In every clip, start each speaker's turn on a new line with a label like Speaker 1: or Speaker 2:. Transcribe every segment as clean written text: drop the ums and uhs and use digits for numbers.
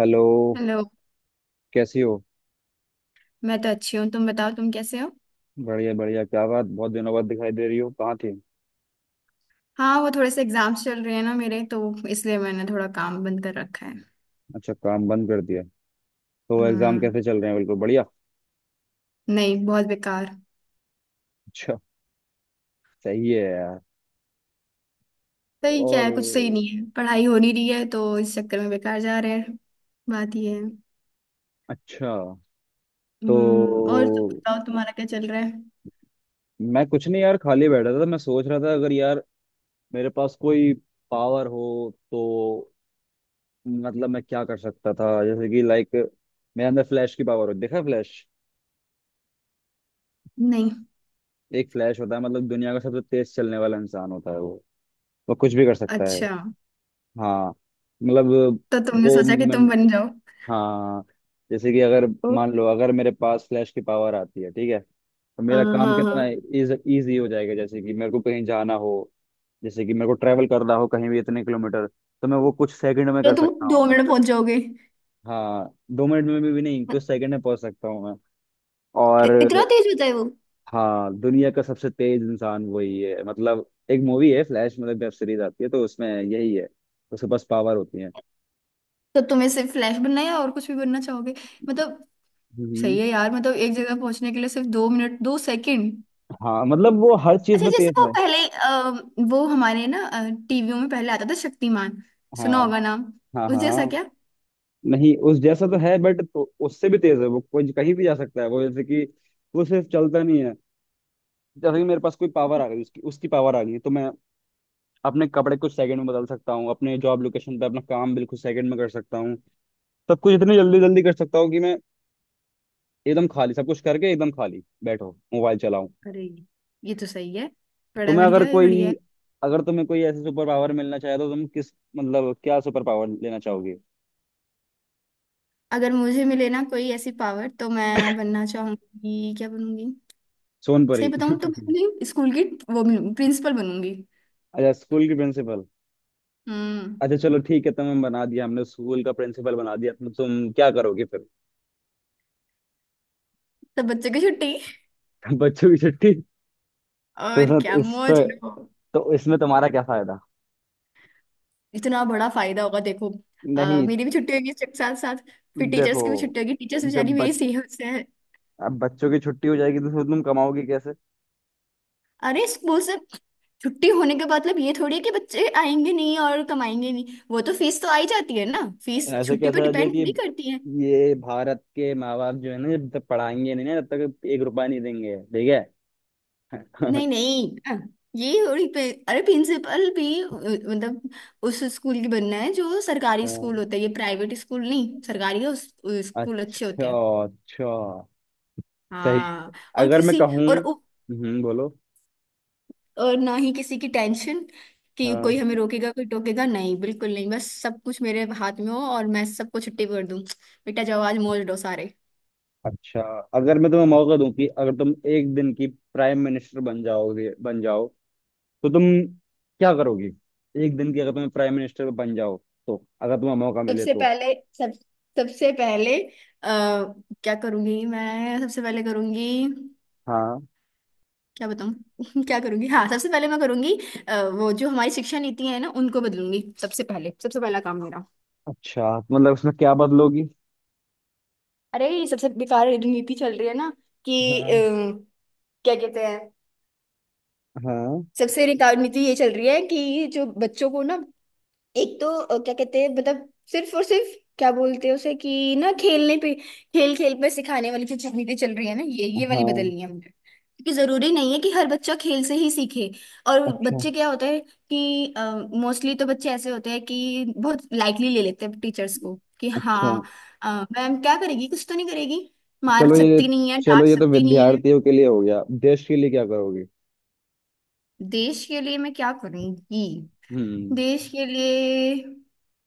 Speaker 1: Hello.
Speaker 2: Hello.
Speaker 1: कैसी हो?
Speaker 2: मैं तो अच्छी हूँ, तुम बताओ तुम कैसे हो?
Speaker 1: बढ़िया बढ़िया। क्या बात, बहुत दिनों बाद दिखाई दे रही हो, कहाँ थी?
Speaker 2: हाँ, वो थोड़े से एग्जाम्स चल रहे हैं ना मेरे तो, इसलिए मैंने थोड़ा काम बंद कर रखा है।
Speaker 1: अच्छा, काम बंद कर दिया। तो एग्जाम
Speaker 2: हम्म,
Speaker 1: कैसे चल रहे हैं, बिल्कुल बढ़िया?
Speaker 2: नहीं, बहुत बेकार।
Speaker 1: अच्छा। सही है यार।
Speaker 2: सही क्या
Speaker 1: और?
Speaker 2: है? कुछ सही नहीं है। पढ़ाई हो नहीं रही है तो इस चक्कर में बेकार जा रहे हैं। बात ये है।
Speaker 1: अच्छा। तो
Speaker 2: और तुम बताओ तुम्हारा क्या चल रहा है?
Speaker 1: मैं कुछ नहीं यार, खाली बैठा था। मैं सोच रहा था, अगर यार मेरे पास कोई पावर हो तो, मतलब मैं क्या कर सकता था, जैसे कि लाइक, मेरे अंदर फ्लैश की पावर हो। देखा फ्लैश?
Speaker 2: नहीं।
Speaker 1: एक फ्लैश होता है, मतलब दुनिया का सबसे तेज चलने वाला इंसान होता है वो। वो कुछ भी कर सकता है।
Speaker 2: अच्छा,
Speaker 1: हाँ। मतलब,
Speaker 2: तो तुमने
Speaker 1: वो
Speaker 2: सोचा कि
Speaker 1: मैं,
Speaker 2: तुम बन जाओ?
Speaker 1: हाँ जैसे कि अगर
Speaker 2: ओ,
Speaker 1: मान लो अगर मेरे पास फ्लैश की पावर आती है, ठीक है, तो मेरा
Speaker 2: हाँ
Speaker 1: काम
Speaker 2: हाँ
Speaker 1: कितना
Speaker 2: हाँ।
Speaker 1: इज इजी हो जाएगा। जैसे कि मेरे को कहीं जाना हो, जैसे कि मेरे को ट्रैवल करना हो कहीं भी इतने किलोमीटर, तो मैं वो कुछ सेकंड में
Speaker 2: तो
Speaker 1: कर सकता
Speaker 2: तुम दो
Speaker 1: हूँ।
Speaker 2: मिनट में पहुंच जाओगे?
Speaker 1: हाँ, दो मिनट में भी नहीं, कुछ
Speaker 2: मत-
Speaker 1: सेकंड में पहुंच सकता हूँ मैं। और
Speaker 2: इतना तेज होता है वो?
Speaker 1: हाँ, दुनिया का सबसे तेज इंसान वही है। मतलब एक मूवी है फ्लैश, मतलब वेब सीरीज आती है, तो उसमें यही है, उसके पास पावर होती है।
Speaker 2: तो तुम्हें सिर्फ फ्लैश बनना है या और कुछ भी बनना चाहोगे, मतलब?
Speaker 1: हम्म
Speaker 2: सही है यार, मतलब एक जगह पहुंचने के लिए सिर्फ 2 मिनट, 2 सेकंड।
Speaker 1: हाँ, मतलब वो हर चीज
Speaker 2: अच्छा,
Speaker 1: में
Speaker 2: जैसे
Speaker 1: तेज
Speaker 2: वो
Speaker 1: है।
Speaker 2: पहले वो हमारे ना टीवियों में पहले आता था, शक्तिमान।
Speaker 1: हाँ
Speaker 2: सुना होगा नाम।
Speaker 1: हाँ
Speaker 2: उस जैसा,
Speaker 1: हाँ।
Speaker 2: क्या?
Speaker 1: नहीं, उस जैसा तो है बट, तो उससे भी तेज है वो, कोई कहीं भी जा सकता है वो। जैसे कि वो सिर्फ चलता नहीं है, जैसे कि मेरे पास कोई पावर आ गई, उसकी उसकी पावर आ गई, तो मैं अपने कपड़े कुछ सेकंड में बदल सकता हूँ, अपने जॉब लोकेशन पे अपना काम बिल्कुल सेकंड में कर सकता हूँ, सब कुछ इतनी जल्दी जल्दी कर सकता हूँ कि मैं एकदम खाली, सब कुछ करके एकदम खाली बैठो मोबाइल चलाऊं।
Speaker 2: अरे, ये तो सही है। बड़ा
Speaker 1: तुम्हें अगर
Speaker 2: बढ़िया है,
Speaker 1: कोई,
Speaker 2: बढ़िया है।
Speaker 1: अगर तुम्हें कोई ऐसी सुपर पावर मिलना चाहे तो तुम किस, मतलब क्या सुपर पावर लेना चाहोगे?
Speaker 2: अगर मुझे मिले ना कोई ऐसी पावर तो मैं बनना चाहूंगी, क्या बनूंगी? सही
Speaker 1: सोनपरी।
Speaker 2: बताऊं तो मैं अपने स्कूल की, वो, प्रिंसिपल बनूंगी।
Speaker 1: अच्छा, स्कूल की प्रिंसिपल।
Speaker 2: हम्म
Speaker 1: अच्छा चलो ठीक है, तुम्हें बना दिया हमने, स्कूल का प्रिंसिपल बना दिया, तो तुम क्या करोगे फिर?
Speaker 2: सब बच्चे की छुट्टी
Speaker 1: बच्चों की छुट्टी। तो
Speaker 2: और क्या,
Speaker 1: इसमें इस
Speaker 2: मौज
Speaker 1: तो,
Speaker 2: लो।
Speaker 1: तो इसमें तुम्हारा क्या फायदा?
Speaker 2: इतना बड़ा फायदा होगा देखो।
Speaker 1: नहीं।
Speaker 2: मेरी भी छुट्टी होगी, इसके साथ साथ। फिर टीचर्स
Speaker 1: देखो,
Speaker 2: की भी छुट्टी होगी। टीचर्स बेचारी
Speaker 1: जब
Speaker 2: मेरी
Speaker 1: बच,
Speaker 2: सेहत से है।
Speaker 1: अब बच्चों की छुट्टी हो जाएगी तो फिर तुम कमाओगे कैसे?
Speaker 2: अरे, स्कूल से छुट्टी होने का मतलब ये थोड़ी है कि बच्चे आएंगे नहीं और कमाएंगे नहीं। वो तो फीस तो आई जाती है ना। फीस
Speaker 1: ऐसे
Speaker 2: छुट्टी पर
Speaker 1: कैसा हो जाए
Speaker 2: डिपेंड
Speaker 1: कि
Speaker 2: थोड़ी करती है।
Speaker 1: ये भारत के माँ बाप जो है ना, जब तक पढ़ाएंगे नहीं ना तब तक एक रुपया नहीं देंगे, ठीक है।
Speaker 2: नहीं नहीं, हाँ, अरे, प्रिंसिपल भी, मतलब उस स्कूल की बनना है जो सरकारी स्कूल
Speaker 1: हाँ।
Speaker 2: होता है, ये प्राइवेट स्कूल नहीं, सरकारी का, उस स्कूल अच्छे होते
Speaker 1: अच्छा।
Speaker 2: हैं।
Speaker 1: अच्छा। सही।
Speaker 2: हाँ, और
Speaker 1: अगर मैं
Speaker 2: किसी
Speaker 1: कहूँ,
Speaker 2: और।
Speaker 1: बोलो।
Speaker 2: और ना ही किसी की टेंशन कि कोई हमें रोकेगा, कोई टोकेगा, नहीं बिल्कुल नहीं, बस सब कुछ मेरे हाथ में हो और मैं सबको छुट्टी कर दूं। बेटा जाओ, आज मौज लो सारे।
Speaker 1: अच्छा, अगर मैं तुम्हें मौका दूं कि अगर तुम एक दिन की प्राइम मिनिस्टर बन जाओगे, बन जाओ, तो तुम क्या करोगी? एक दिन की अगर तुम्हें प्राइम मिनिस्टर बन जाओ, तो अगर तुम्हें मौका मिले
Speaker 2: सबसे
Speaker 1: तो?
Speaker 2: पहले, सब सबसे पहले, आ, क्या करूंगी मैं सबसे पहले करूंगी,
Speaker 1: हाँ।
Speaker 2: क्या बताऊं। क्या करूंगी, हाँ, सबसे पहले मैं करूंगी, वो जो हमारी शिक्षा नीति है ना, उनको बदलूंगी, सबसे पहले, सबसे पहला काम मेरा।
Speaker 1: अच्छा, तो मतलब उसमें क्या बदलोगी?
Speaker 2: अरे, ये सबसे बेकार नीति चल रही है ना कि, अ,
Speaker 1: हाँ
Speaker 2: क्या कहते हैं,
Speaker 1: हाँ
Speaker 2: सबसे बेकार नीति ये चल रही है कि जो बच्चों को ना, एक तो क्या कहते हैं, मतलब सिर्फ और सिर्फ क्या बोलते हैं उसे कि ना, खेलने पे, खेल खेल पे सिखाने वाली जो चीजें चल रही है ना, ये वाली
Speaker 1: हाँ।
Speaker 2: बदलनी है मुझे, क्योंकि जरूरी नहीं है कि हर बच्चा खेल से ही सीखे। और
Speaker 1: अच्छा।
Speaker 2: बच्चे क्या होता है कि, मोस्टली तो बच्चे ऐसे होते हैं कि बहुत लाइटली ले लेते हैं टीचर्स को, कि
Speaker 1: अच्छा।
Speaker 2: हाँ, अ, मैम क्या करेगी, कुछ तो नहीं करेगी, मार
Speaker 1: चलो ये,
Speaker 2: सकती नहीं है,
Speaker 1: चलो
Speaker 2: डांट
Speaker 1: ये तो
Speaker 2: सकती नहीं है।
Speaker 1: विद्यार्थियों के लिए हो गया, देश के लिए क्या करोगी?
Speaker 2: देश के लिए मैं क्या करूंगी?
Speaker 1: हम्म।
Speaker 2: देश के लिए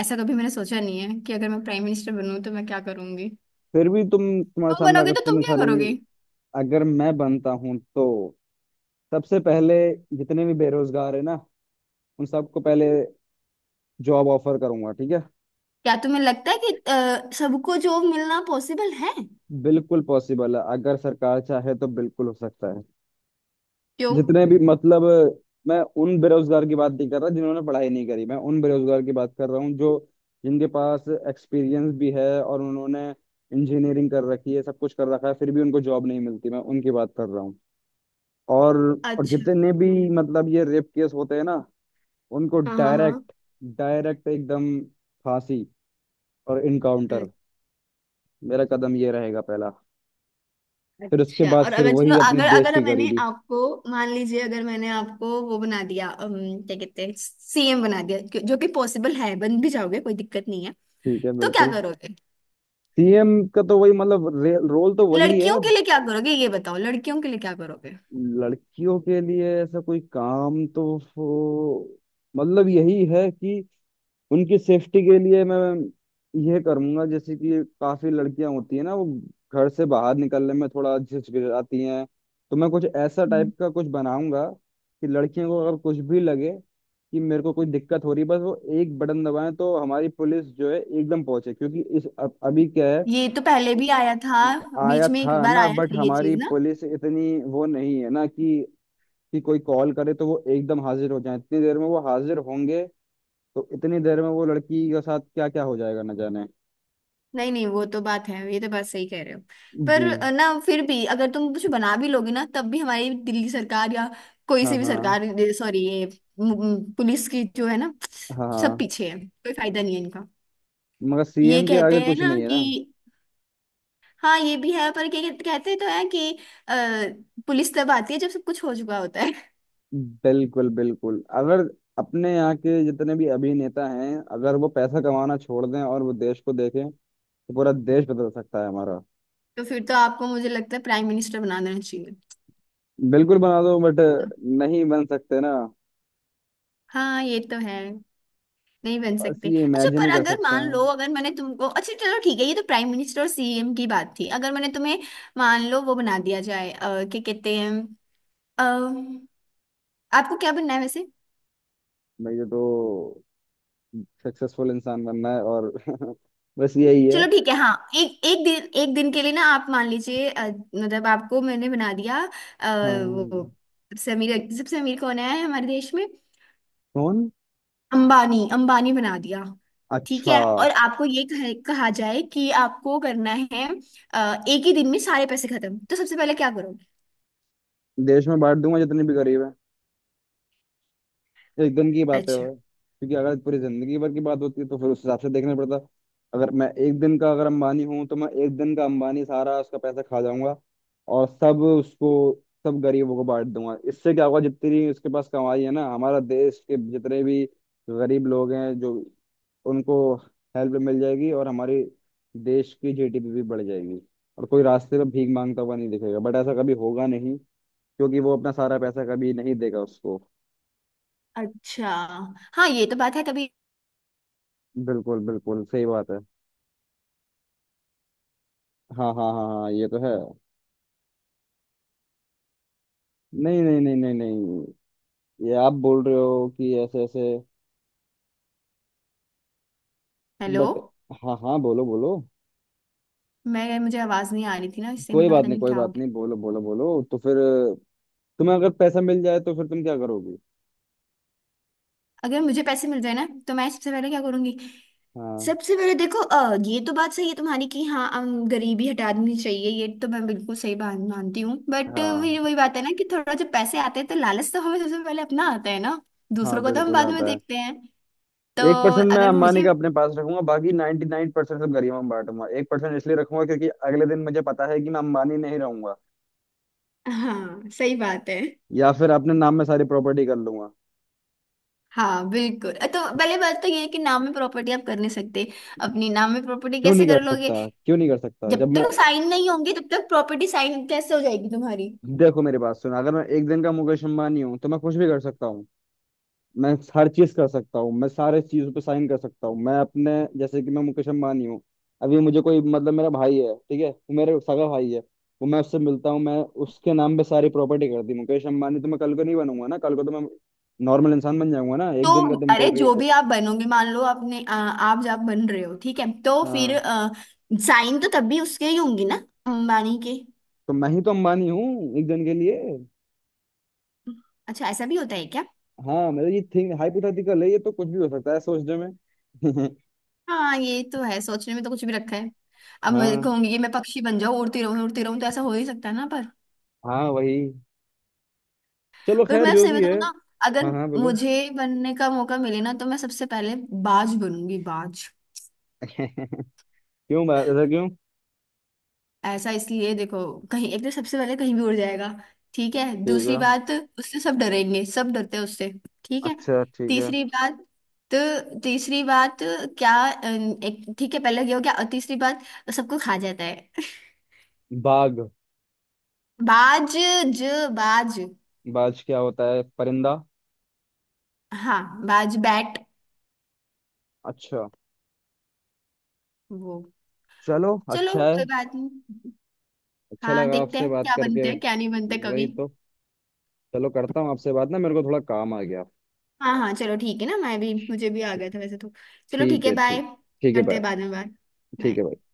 Speaker 2: ऐसा कभी मैंने सोचा नहीं है कि अगर मैं प्राइम मिनिस्टर बनूं तो मैं क्या करूंगी।
Speaker 1: फिर भी तुम, तुम्हारे
Speaker 2: तुम
Speaker 1: सामने अगर
Speaker 2: बनोगे तो तुम
Speaker 1: इतनी
Speaker 2: क्या
Speaker 1: सारी।
Speaker 2: करोगे?
Speaker 1: अगर मैं बनता हूँ तो सबसे पहले जितने भी बेरोजगार है ना, उन सबको पहले जॉब ऑफर करूंगा, ठीक है।
Speaker 2: क्या तुम्हें लगता है कि सबको जॉब मिलना पॉसिबल है?
Speaker 1: बिल्कुल पॉसिबल है, अगर सरकार चाहे तो बिल्कुल हो सकता है।
Speaker 2: क्यों?
Speaker 1: जितने भी मतलब, मैं उन बेरोजगार की बात नहीं कर रहा जिन्होंने पढ़ाई नहीं करी, मैं उन बेरोजगार की बात कर रहा हूँ जो, जिनके पास एक्सपीरियंस भी है और उन्होंने इंजीनियरिंग कर रखी है, सब कुछ कर रखा है, फिर भी उनको जॉब नहीं मिलती, मैं उनकी बात कर रहा हूँ। और और
Speaker 2: अच्छा।
Speaker 1: जितने भी
Speaker 2: हम्म,
Speaker 1: मतलब ये रेप केस होते हैं ना, उनको
Speaker 2: हाँ हाँ हाँ।
Speaker 1: डायरेक्ट, डायरेक्ट एकदम फांसी और इनकाउंटर,
Speaker 2: अ-
Speaker 1: मेरा कदम ये रहेगा पहला। फिर उसके
Speaker 2: अच्छा,
Speaker 1: बाद
Speaker 2: और
Speaker 1: फिर
Speaker 2: अगर चलो,
Speaker 1: वही अपनी
Speaker 2: अगर
Speaker 1: देश
Speaker 2: अगर
Speaker 1: की
Speaker 2: मैंने
Speaker 1: गरीबी।
Speaker 2: आपको, मान लीजिए, अगर मैंने आपको वो बना दिया, क्या कहते हैं, सीएम बना दिया, जो जो कि पॉसिबल है, बन भी जाओगे कोई दिक्कत नहीं है।
Speaker 1: ठीक है
Speaker 2: तो क्या
Speaker 1: बिल्कुल।
Speaker 2: करोगे?
Speaker 1: सीएम का तो वही मतलब रोल तो वही है।
Speaker 2: लड़कियों के लिए क्या करोगे, ये बताओ, लड़कियों के लिए क्या करोगे?
Speaker 1: लड़कियों के लिए ऐसा कोई काम तो, वो- मतलब यही है कि उनकी सेफ्टी के लिए मैं यह करूंगा। जैसे कि काफी लड़कियां होती है ना, वो घर से बाहर निकलने में थोड़ा हिचकिचाती हैं, तो मैं कुछ ऐसा टाइप का कुछ बनाऊंगा कि लड़कियों को अगर कुछ भी लगे कि मेरे को कोई दिक्कत हो रही है, बस वो एक बटन दबाएं तो हमारी पुलिस जो है एकदम पहुंचे, क्योंकि इस अब अभी क्या है।
Speaker 2: ये तो पहले भी आया था,
Speaker 1: आया
Speaker 2: बीच में एक
Speaker 1: था
Speaker 2: बार
Speaker 1: ना,
Speaker 2: आया
Speaker 1: बट
Speaker 2: था ये
Speaker 1: हमारी
Speaker 2: चीज ना।
Speaker 1: पुलिस इतनी वो नहीं है ना कि कोई कॉल करे तो वो एकदम हाजिर हो जाए, इतनी देर में वो हाजिर होंगे तो इतनी देर में वो लड़की के साथ क्या क्या हो जाएगा न जाने।
Speaker 2: नहीं नहीं, वो तो बात है, ये तो बात सही कह रहे हो। पर
Speaker 1: जी।
Speaker 2: ना फिर भी अगर तुम कुछ बना भी लोगे ना, तब भी हमारी दिल्ली सरकार या कोई
Speaker 1: हाँ
Speaker 2: से भी
Speaker 1: हाँ
Speaker 2: सरकार, सॉरी, ये पुलिस की जो है ना,
Speaker 1: हाँ
Speaker 2: सब
Speaker 1: हाँ।
Speaker 2: पीछे है, कोई फायदा नहीं है इनका।
Speaker 1: मगर
Speaker 2: ये
Speaker 1: सीएम के
Speaker 2: कहते
Speaker 1: आगे
Speaker 2: हैं
Speaker 1: कुछ
Speaker 2: ना
Speaker 1: नहीं है ना।
Speaker 2: कि, हाँ ये भी है, पर क्या कहते कहते तो है कि, पुलिस तब आती है जब सब कुछ हो चुका होता है।
Speaker 1: बिल्कुल बिल्कुल। अगर अपने यहाँ के जितने भी अभिनेता हैं, अगर वो पैसा कमाना छोड़ दें और वो देश को देखें, तो पूरा देश बदल सकता है हमारा।
Speaker 2: तो फिर तो आपको मुझे लगता है प्राइम मिनिस्टर बना देना चाहिए।
Speaker 1: बिल्कुल बना दो बट नहीं बन सकते ना।
Speaker 2: हाँ ये तो है, नहीं बन
Speaker 1: बस
Speaker 2: सकते।
Speaker 1: ये
Speaker 2: अच्छा,
Speaker 1: इमेजिन
Speaker 2: पर
Speaker 1: ही कर
Speaker 2: अगर
Speaker 1: सकते
Speaker 2: मान लो,
Speaker 1: हैं।
Speaker 2: अगर मैंने तुमको, अच्छा चलो ठीक है, ये तो प्राइम मिनिस्टर और सीएम की बात थी। अगर मैंने तुम्हें मान लो वो बना दिया जाए, क्या कहते हैं, अ, आपको क्या बनना है वैसे?
Speaker 1: मुझे तो सक्सेसफुल इंसान बनना है और बस यही है।
Speaker 2: चलो ठीक है, हाँ, एक एक दिन के लिए ना आप मान लीजिए, मतलब आपको मैंने बना दिया, अ, वो,
Speaker 1: हाँ।
Speaker 2: सबसे अमीर, सबसे अमीर कौन है हमारे देश में?
Speaker 1: कौन?
Speaker 2: अंबानी, अंबानी बना दिया। ठीक
Speaker 1: अच्छा।
Speaker 2: है, और आपको ये कहा जाए कि आपको करना है, एक ही दिन में सारे पैसे खत्म, तो सबसे पहले क्या?
Speaker 1: देश में बांट दूंगा, जितने भी गरीब है। एक दिन की बात है
Speaker 2: अच्छा।
Speaker 1: वो। क्योंकि अगर पूरी जिंदगी भर की बात होती है तो फिर उस हिसाब से देखना पड़ता। अगर मैं एक दिन का अगर अंबानी हूँ, तो मैं एक दिन का अंबानी सारा उसका पैसा खा जाऊंगा और सब उसको, सब गरीबों को बांट दूंगा। इससे क्या होगा, जितनी उसके पास कमाई है ना, हमारा देश के जितने भी गरीब लोग हैं जो, उनको हेल्प मिल जाएगी और हमारे देश की जीडीपी भी बढ़ जाएगी, और कोई रास्ते में भीख मांगता हुआ नहीं दिखेगा। बट ऐसा कभी होगा नहीं, क्योंकि वो अपना सारा पैसा कभी नहीं देगा उसको।
Speaker 2: अच्छा। हाँ ये तो बात है तभी।
Speaker 1: बिल्कुल बिल्कुल सही बात है। हाँ हाँ हाँ हाँ, ये तो है। नहीं नहीं नहीं नहीं नहीं, ये आप बोल रहे हो कि ऐसे ऐसे,
Speaker 2: हेलो,
Speaker 1: बट। हाँ हाँ, बोलो बोलो।
Speaker 2: मैं मुझे आवाज नहीं आ रही थी ना, इससे
Speaker 1: कोई
Speaker 2: मेरा
Speaker 1: बात
Speaker 2: पता
Speaker 1: नहीं,
Speaker 2: नहीं
Speaker 1: कोई
Speaker 2: क्या हो
Speaker 1: बात
Speaker 2: गया।
Speaker 1: नहीं, बोलो बोलो बोलो। तो फिर तुम्हें अगर पैसा मिल जाए, तो फिर तुम क्या करोगी?
Speaker 2: अगर मुझे पैसे मिल जाए ना तो मैं सबसे पहले क्या करूंगी?
Speaker 1: हाँ।
Speaker 2: सबसे पहले देखो, ये तो बात सही है तुम्हारी कि हाँ, गरीबी हटा देनी चाहिए, ये तो मैं बिल्कुल सही बात मानती हूँ बट वही
Speaker 1: हाँ,
Speaker 2: वही बात है ना कि थोड़ा जब पैसे आते हैं तो लालच तो हमें सबसे पहले अपना आता है ना।
Speaker 1: हाँ
Speaker 2: दूसरों को तो हम
Speaker 1: बिल्कुल
Speaker 2: बाद में
Speaker 1: आता है।
Speaker 2: देखते हैं। तो
Speaker 1: एक परसेंट मैं
Speaker 2: अगर मुझे
Speaker 1: अंबानी का अपने पास रखूंगा, बाकी नाइन्टी नाइन परसेंट सब गरीबों में बांटूंगा। एक परसेंट इसलिए रखूंगा क्योंकि अगले दिन मुझे पता है कि मैं अंबानी नहीं रहूंगा।
Speaker 2: हाँ सही बात है।
Speaker 1: या फिर अपने नाम में सारी प्रॉपर्टी कर लूंगा।
Speaker 2: हाँ बिल्कुल, तो पहले बात तो ये है कि नाम में प्रॉपर्टी आप कर नहीं सकते, अपनी नाम में प्रॉपर्टी
Speaker 1: क्यों
Speaker 2: कैसे
Speaker 1: नहीं
Speaker 2: कर
Speaker 1: कर
Speaker 2: लोगे?
Speaker 1: सकता, क्यों नहीं कर सकता
Speaker 2: जब
Speaker 1: जब मैं,
Speaker 2: तक साइन नहीं होंगे तब तक प्रॉपर्टी साइन कैसे हो जाएगी तुम्हारी?
Speaker 1: देखो मेरी बात सुनो, अगर मैं एक दिन का मुकेश अंबानी हूँ तो मैं कुछ भी कर सकता हूँ। मैं हर चीज कर सकता हूँ, मैं सारे चीजों पे साइन कर सकता हूँ। मैं अपने, जैसे कि मैं मुकेश अंबानी हूँ अभी, मुझे कोई मतलब मेरा भाई है, ठीक है, वो मेरे सगा भाई है, वो मैं उससे मिलता हूँ, मैं उसके नाम पे सारी प्रॉपर्टी कर दी। मुकेश अंबानी तो मैं कल को नहीं बनूंगा ना, कल को तो मैं नॉर्मल इंसान बन जाऊंगा ना,
Speaker 2: तो
Speaker 1: एक दिन का तुम बोल
Speaker 2: अरे,
Speaker 1: रही हो
Speaker 2: जो
Speaker 1: तो।
Speaker 2: भी आप बनोगे, मान लो आपने आप जब बन रहे हो ठीक है, तो फिर
Speaker 1: हाँ।
Speaker 2: साइन तो तब भी उसके ही होंगे ना, अंबानी के।
Speaker 1: तो मैं ही तो अंबानी हूँ एक दिन के लिए।
Speaker 2: अच्छा, ऐसा भी होता है क्या?
Speaker 1: हाँ मतलब ये थिंग हाइपोथेटिकल है, ये तो कुछ भी हो सकता है सोचने में।
Speaker 2: हाँ ये तो है, सोचने में तो कुछ भी रखा है। अब मैं
Speaker 1: हाँ,
Speaker 2: कहूंगी कि मैं पक्षी बन जाऊं, उड़ती रहूं उड़ती रहूं, तो ऐसा हो ही सकता है ना।
Speaker 1: हाँ वही। चलो
Speaker 2: पर
Speaker 1: खैर
Speaker 2: मैं
Speaker 1: जो
Speaker 2: सही
Speaker 1: भी है।
Speaker 2: बताऊँ ना, अगर
Speaker 1: हाँ हाँ बोलो।
Speaker 2: मुझे बनने का मौका मिले ना, तो मैं सबसे पहले बाज बनूंगी, बाज।
Speaker 1: क्यों? ऐसा क्यों?
Speaker 2: ऐसा इसलिए देखो, कहीं, एक तो सबसे पहले कहीं भी उड़ जाएगा। ठीक है,
Speaker 1: ठीक है।
Speaker 2: दूसरी बात, उससे सब डरेंगे, सब डरते हैं उससे। ठीक है,
Speaker 1: अच्छा ठीक है।
Speaker 2: तीसरी बात, तो तीसरी बात क्या, एक ठीक है, पहले ये हो गया, और तीसरी बात, सबको खा जाता है।
Speaker 1: बाघ?
Speaker 2: बाज, ज बाज,
Speaker 1: बाज क्या होता है, परिंदा?
Speaker 2: हाँ बाज, बैट,
Speaker 1: अच्छा।
Speaker 2: वो।
Speaker 1: चलो
Speaker 2: चलो
Speaker 1: अच्छा है।
Speaker 2: कोई बात नहीं।
Speaker 1: अच्छा
Speaker 2: हाँ
Speaker 1: लगा
Speaker 2: देखते
Speaker 1: आपसे
Speaker 2: हैं
Speaker 1: बात
Speaker 2: क्या
Speaker 1: करके।
Speaker 2: बनते हैं क्या नहीं बनते
Speaker 1: वही
Speaker 2: कभी।
Speaker 1: तो। चलो करता हूँ आपसे बात ना, मेरे को थोड़ा काम आ गया।
Speaker 2: हाँ हाँ चलो ठीक है ना, मैं भी मुझे भी आ गया था वैसे तो। चलो
Speaker 1: ठीक
Speaker 2: ठीक है,
Speaker 1: है,
Speaker 2: बाय,
Speaker 1: ठीक। ठीक है
Speaker 2: करते हैं
Speaker 1: बाय।
Speaker 2: बाद में बात।
Speaker 1: ठीक
Speaker 2: बाय।
Speaker 1: है bye।